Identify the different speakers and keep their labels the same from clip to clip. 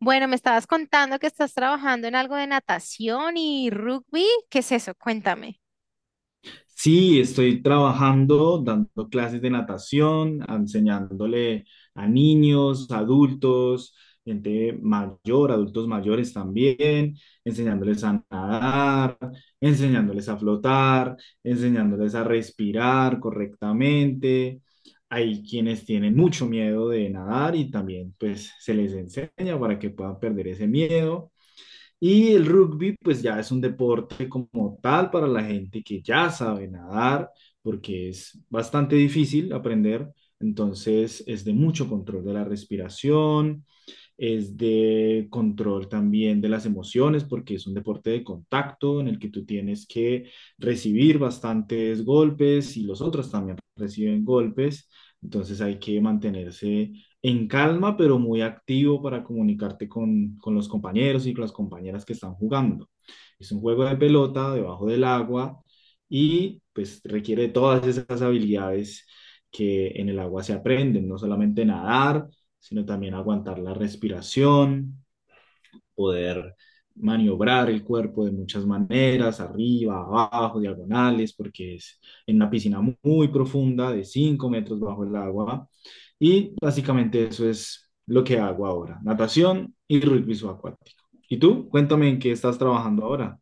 Speaker 1: Bueno, me estabas contando que estás trabajando en algo de natación y rugby. ¿Qué es eso? Cuéntame.
Speaker 2: Sí, estoy trabajando, dando clases de natación, enseñándole a niños, adultos, gente mayor, adultos mayores también, enseñándoles a nadar, enseñándoles a flotar, enseñándoles a respirar correctamente. Hay quienes tienen mucho miedo de nadar y también pues se les enseña para que puedan perder ese miedo. Y el rugby, pues ya es un deporte como tal para la gente que ya sabe nadar, porque es bastante difícil aprender. Entonces es de mucho control de la respiración, es de control también de las emociones, porque es un deporte de contacto en el que tú tienes que recibir bastantes golpes y los otros también reciben golpes. Entonces hay que mantenerse en calma, pero muy activo para comunicarte con los compañeros y con las compañeras que están jugando. Es un juego de pelota debajo del agua y pues requiere todas esas habilidades que en el agua se aprenden, no solamente nadar, sino también aguantar la respiración, poder maniobrar el cuerpo de muchas maneras, arriba, abajo, diagonales, porque es en una piscina muy profunda de 5 metros bajo el agua. Y básicamente eso es lo que hago ahora, natación y rugby subacuático. ¿Y tú? Cuéntame en qué estás trabajando ahora.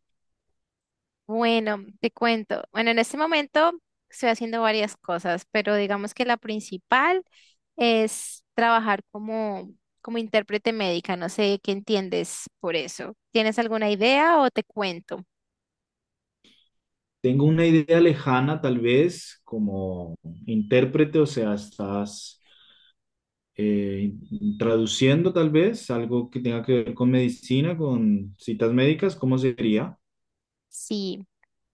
Speaker 1: Bueno, te cuento. Bueno, en este momento estoy haciendo varias cosas, pero digamos que la principal es trabajar como intérprete médica. No sé qué entiendes por eso. ¿Tienes alguna idea o te cuento?
Speaker 2: Tengo una idea lejana, tal vez, como intérprete, o sea, estás eh, traduciendo tal vez algo que tenga que ver con medicina, con citas médicas, ¿cómo sería?
Speaker 1: Sí.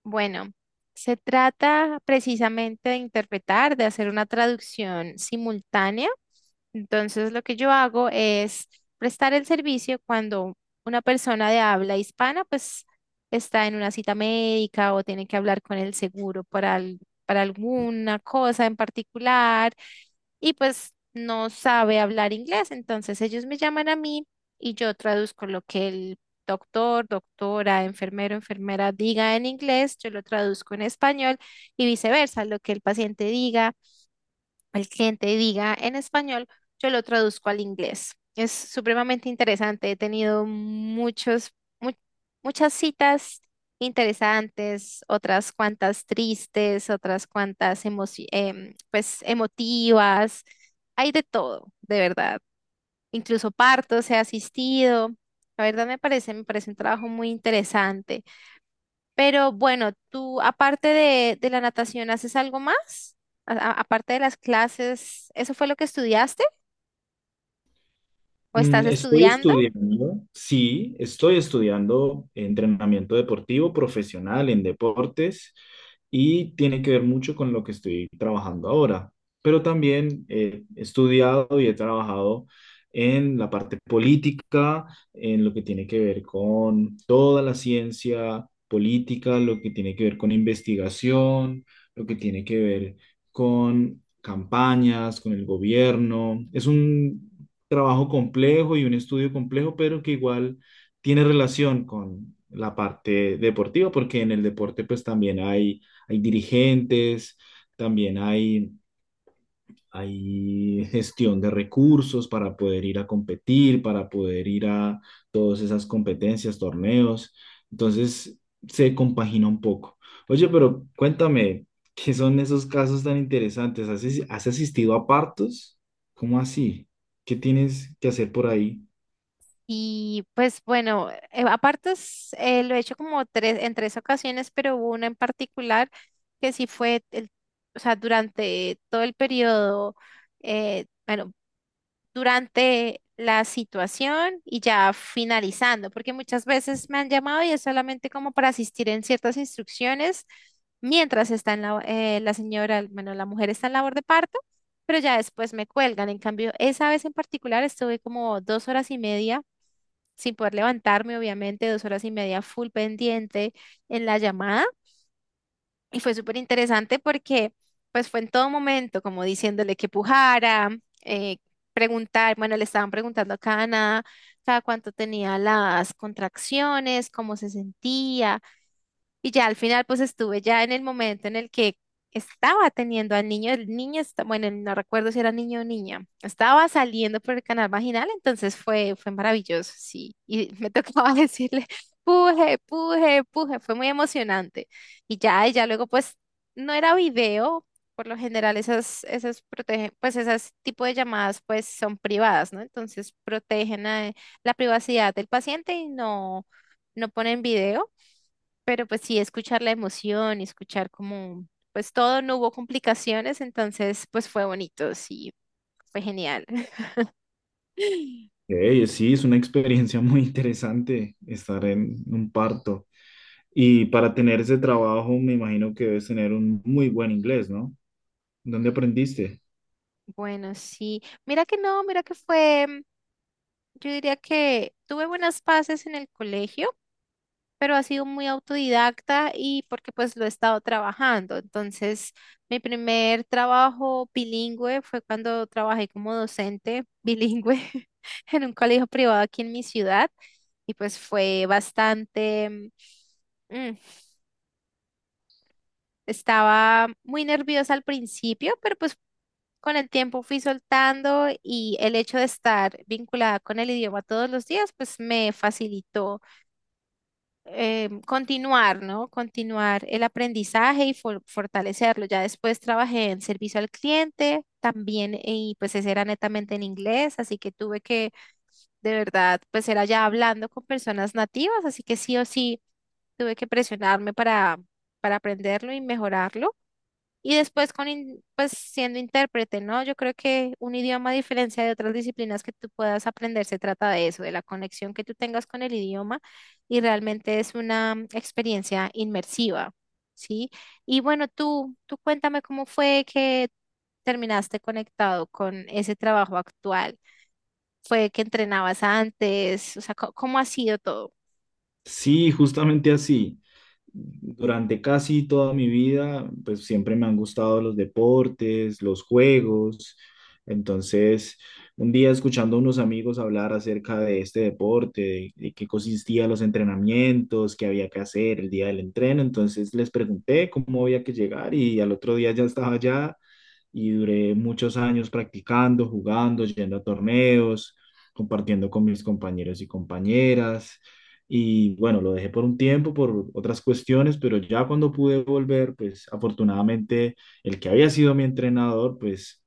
Speaker 1: Bueno, se trata precisamente de interpretar, de hacer una traducción simultánea. Entonces, lo que yo hago es prestar el servicio cuando una persona de habla hispana, pues, está en una cita médica o tiene que hablar con el seguro para, para alguna cosa en particular y pues no sabe hablar inglés. Entonces, ellos me llaman a mí y yo traduzco lo que el doctor, doctora, enfermero, enfermera diga en inglés, yo lo traduzco en español y viceversa, lo que el paciente diga, el cliente diga en español, yo lo traduzco al inglés. Es supremamente interesante, he tenido mu- muchas citas interesantes, otras cuantas tristes, otras cuantas pues emotivas, hay de todo, de verdad incluso partos he asistido. La verdad me parece un trabajo muy interesante. Pero bueno, tú aparte de la natación, ¿haces algo más? Aparte de las clases, ¿eso fue lo que estudiaste o estás
Speaker 2: Estoy
Speaker 1: estudiando?
Speaker 2: estudiando, sí, estoy estudiando entrenamiento deportivo profesional en deportes y tiene que ver mucho con lo que estoy trabajando ahora, pero también he estudiado y he trabajado en la parte política, en lo que tiene que ver con toda la ciencia política, lo que tiene que ver con investigación, lo que tiene que ver con campañas, con el gobierno. Es un trabajo complejo y un estudio complejo, pero que igual tiene relación con la parte deportiva, porque en el deporte pues también hay dirigentes, también hay gestión de recursos para poder ir a competir, para poder ir a todas esas competencias, torneos. Entonces se compagina un poco. Oye, pero cuéntame, ¿qué son esos casos tan interesantes? ¿Has, has asistido a partos? ¿Cómo así? ¿Qué tienes que hacer por ahí?
Speaker 1: Y pues bueno, aparte es, lo he hecho como tres, en tres ocasiones, pero hubo una en particular que sí fue, o sea, durante todo el periodo, bueno, durante la situación y ya finalizando, porque muchas veces me han llamado y es solamente como para asistir en ciertas instrucciones mientras está en la señora, bueno, la mujer está en labor de parto, pero ya después me cuelgan. En cambio, esa vez en particular estuve como 2 horas y media sin poder levantarme, obviamente, 2 horas y media full pendiente en la llamada. Y fue súper interesante porque pues fue en todo momento como diciéndole que pujara, eh, le estaban preguntando a cada nada, cada cuánto tenía las contracciones, cómo se sentía, y ya al final, pues estuve ya en el momento en el que estaba teniendo al niño, el niño, bueno, no recuerdo si era niño o niña, estaba saliendo por el canal vaginal, entonces fue maravilloso, sí. Y me tocaba decirle, puje, puje, puje, fue muy emocionante. Y ya luego, pues, no era video, por lo general esas protegen, pues esas tipo de llamadas, pues son privadas, ¿no? Entonces protegen la privacidad del paciente y no, no ponen video, pero pues sí, escuchar la emoción y escuchar como, pues todo, no hubo complicaciones, entonces pues fue bonito, sí, fue genial.
Speaker 2: Ey, sí, es una experiencia muy interesante estar en un parto. Y para tener ese trabajo, me imagino que debes tener un muy buen inglés, ¿no? ¿Dónde aprendiste?
Speaker 1: Bueno, sí, mira que no, mira que fue, yo diría que tuve buenas pases en el colegio, pero ha sido muy autodidacta y porque pues lo he estado trabajando. Entonces, mi primer trabajo bilingüe fue cuando trabajé como docente bilingüe en un colegio privado aquí en mi ciudad y pues fue bastante mm, mm, estaba muy nerviosa al principio, pero pues con el tiempo fui soltando y el hecho de estar vinculada con el idioma todos los días, pues me facilitó continuar, ¿no? Continuar el aprendizaje y fortalecerlo. Ya después trabajé en servicio al cliente también y pues ese era netamente en inglés, así que tuve que de verdad pues era ya hablando con personas nativas, así que sí o sí tuve que presionarme para aprenderlo y mejorarlo. Y después pues siendo intérprete, ¿no? Yo creo que un idioma, a diferencia de otras disciplinas que tú puedas aprender, se trata de eso, de la conexión que tú tengas con el idioma y realmente es una experiencia inmersiva, ¿sí? Y bueno, tú cuéntame cómo fue que terminaste conectado con ese trabajo actual. ¿Fue que entrenabas antes? O sea, ¿cómo ha sido todo?
Speaker 2: Sí, justamente así. Durante casi toda mi vida, pues siempre me han gustado los deportes, los juegos. Entonces, un día escuchando a unos amigos hablar acerca de este deporte, de qué consistían los entrenamientos, qué había que hacer el día del entreno, entonces les pregunté cómo había que llegar y al otro día ya estaba allá y duré muchos años practicando, jugando, yendo a torneos, compartiendo con mis compañeros y compañeras. Y bueno, lo dejé por un tiempo, por otras cuestiones, pero ya cuando pude volver, pues afortunadamente el que había sido mi entrenador, pues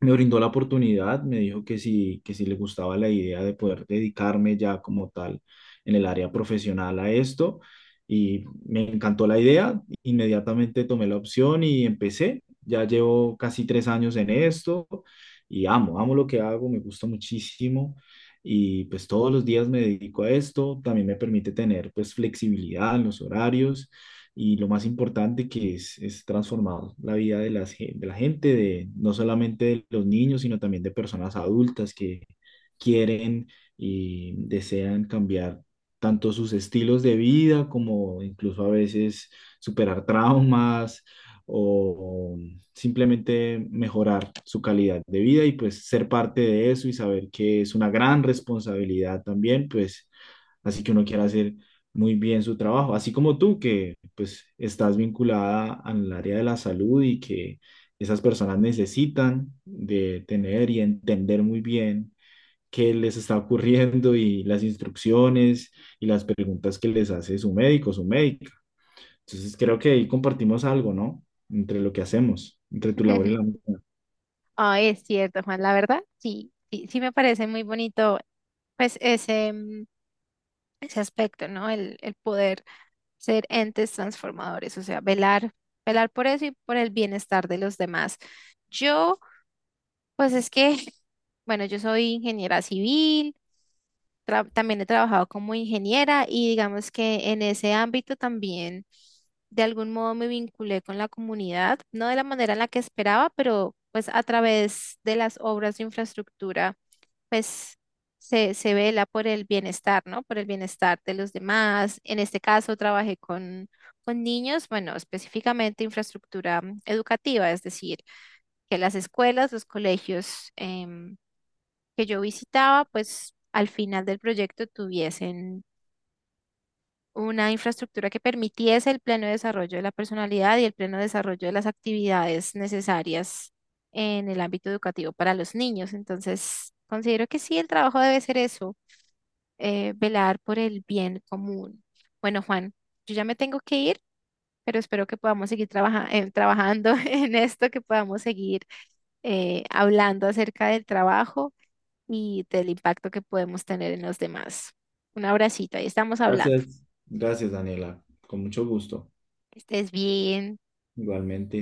Speaker 2: me brindó la oportunidad, me dijo que sí le gustaba la idea de poder dedicarme ya como tal en el área profesional a esto y me encantó la idea, inmediatamente tomé la opción y empecé, ya llevo casi 3 años en esto y amo, amo lo que hago, me gusta muchísimo y pues todos los días me dedico a esto, también me permite tener pues flexibilidad en los horarios y lo más importante que es transformar la vida de, de la gente, de, no solamente de los niños, sino también de personas adultas que quieren y desean cambiar tanto sus estilos de vida como incluso a veces superar traumas o simplemente mejorar su calidad de vida y pues ser parte de eso y saber que es una gran responsabilidad también, pues así que uno quiere hacer muy bien su trabajo, así como tú que pues estás vinculada al área de la salud y que esas personas necesitan de tener y entender muy bien qué les está ocurriendo y las instrucciones y las preguntas que les hace su médico, su médica. Entonces creo que ahí compartimos algo, ¿no? Entre lo que hacemos, entre tu labor y la mía.
Speaker 1: Ah, es cierto, Juan, la verdad, sí, sí, sí me parece muy bonito, pues ese aspecto, ¿no? El poder ser entes transformadores, o sea, velar, velar por eso y por el bienestar de los demás. Yo, pues es que, bueno, yo soy ingeniera civil, también he trabajado como ingeniera y digamos que en ese ámbito también de algún modo me vinculé con la comunidad, no de la manera en la que esperaba, pero pues a través de las obras de infraestructura pues se vela por el bienestar, ¿no? Por el bienestar de los demás. En este caso trabajé con niños, bueno, específicamente infraestructura educativa, es decir, que las escuelas, los colegios em, que yo visitaba, pues al final del proyecto tuviesen una infraestructura que permitiese el pleno desarrollo de la personalidad y el pleno desarrollo de las actividades necesarias en el ámbito educativo para los niños. Entonces, considero que sí, el trabajo debe ser eso, velar por el bien común. Bueno, Juan, yo ya me tengo que ir, pero espero que podamos seguir trabajando en esto, que podamos seguir hablando acerca del trabajo y del impacto que podemos tener en los demás. Un abracito, ahí estamos hablando.
Speaker 2: Gracias. Gracias, Daniela. Con mucho gusto.
Speaker 1: Que estés bien.
Speaker 2: Igualmente.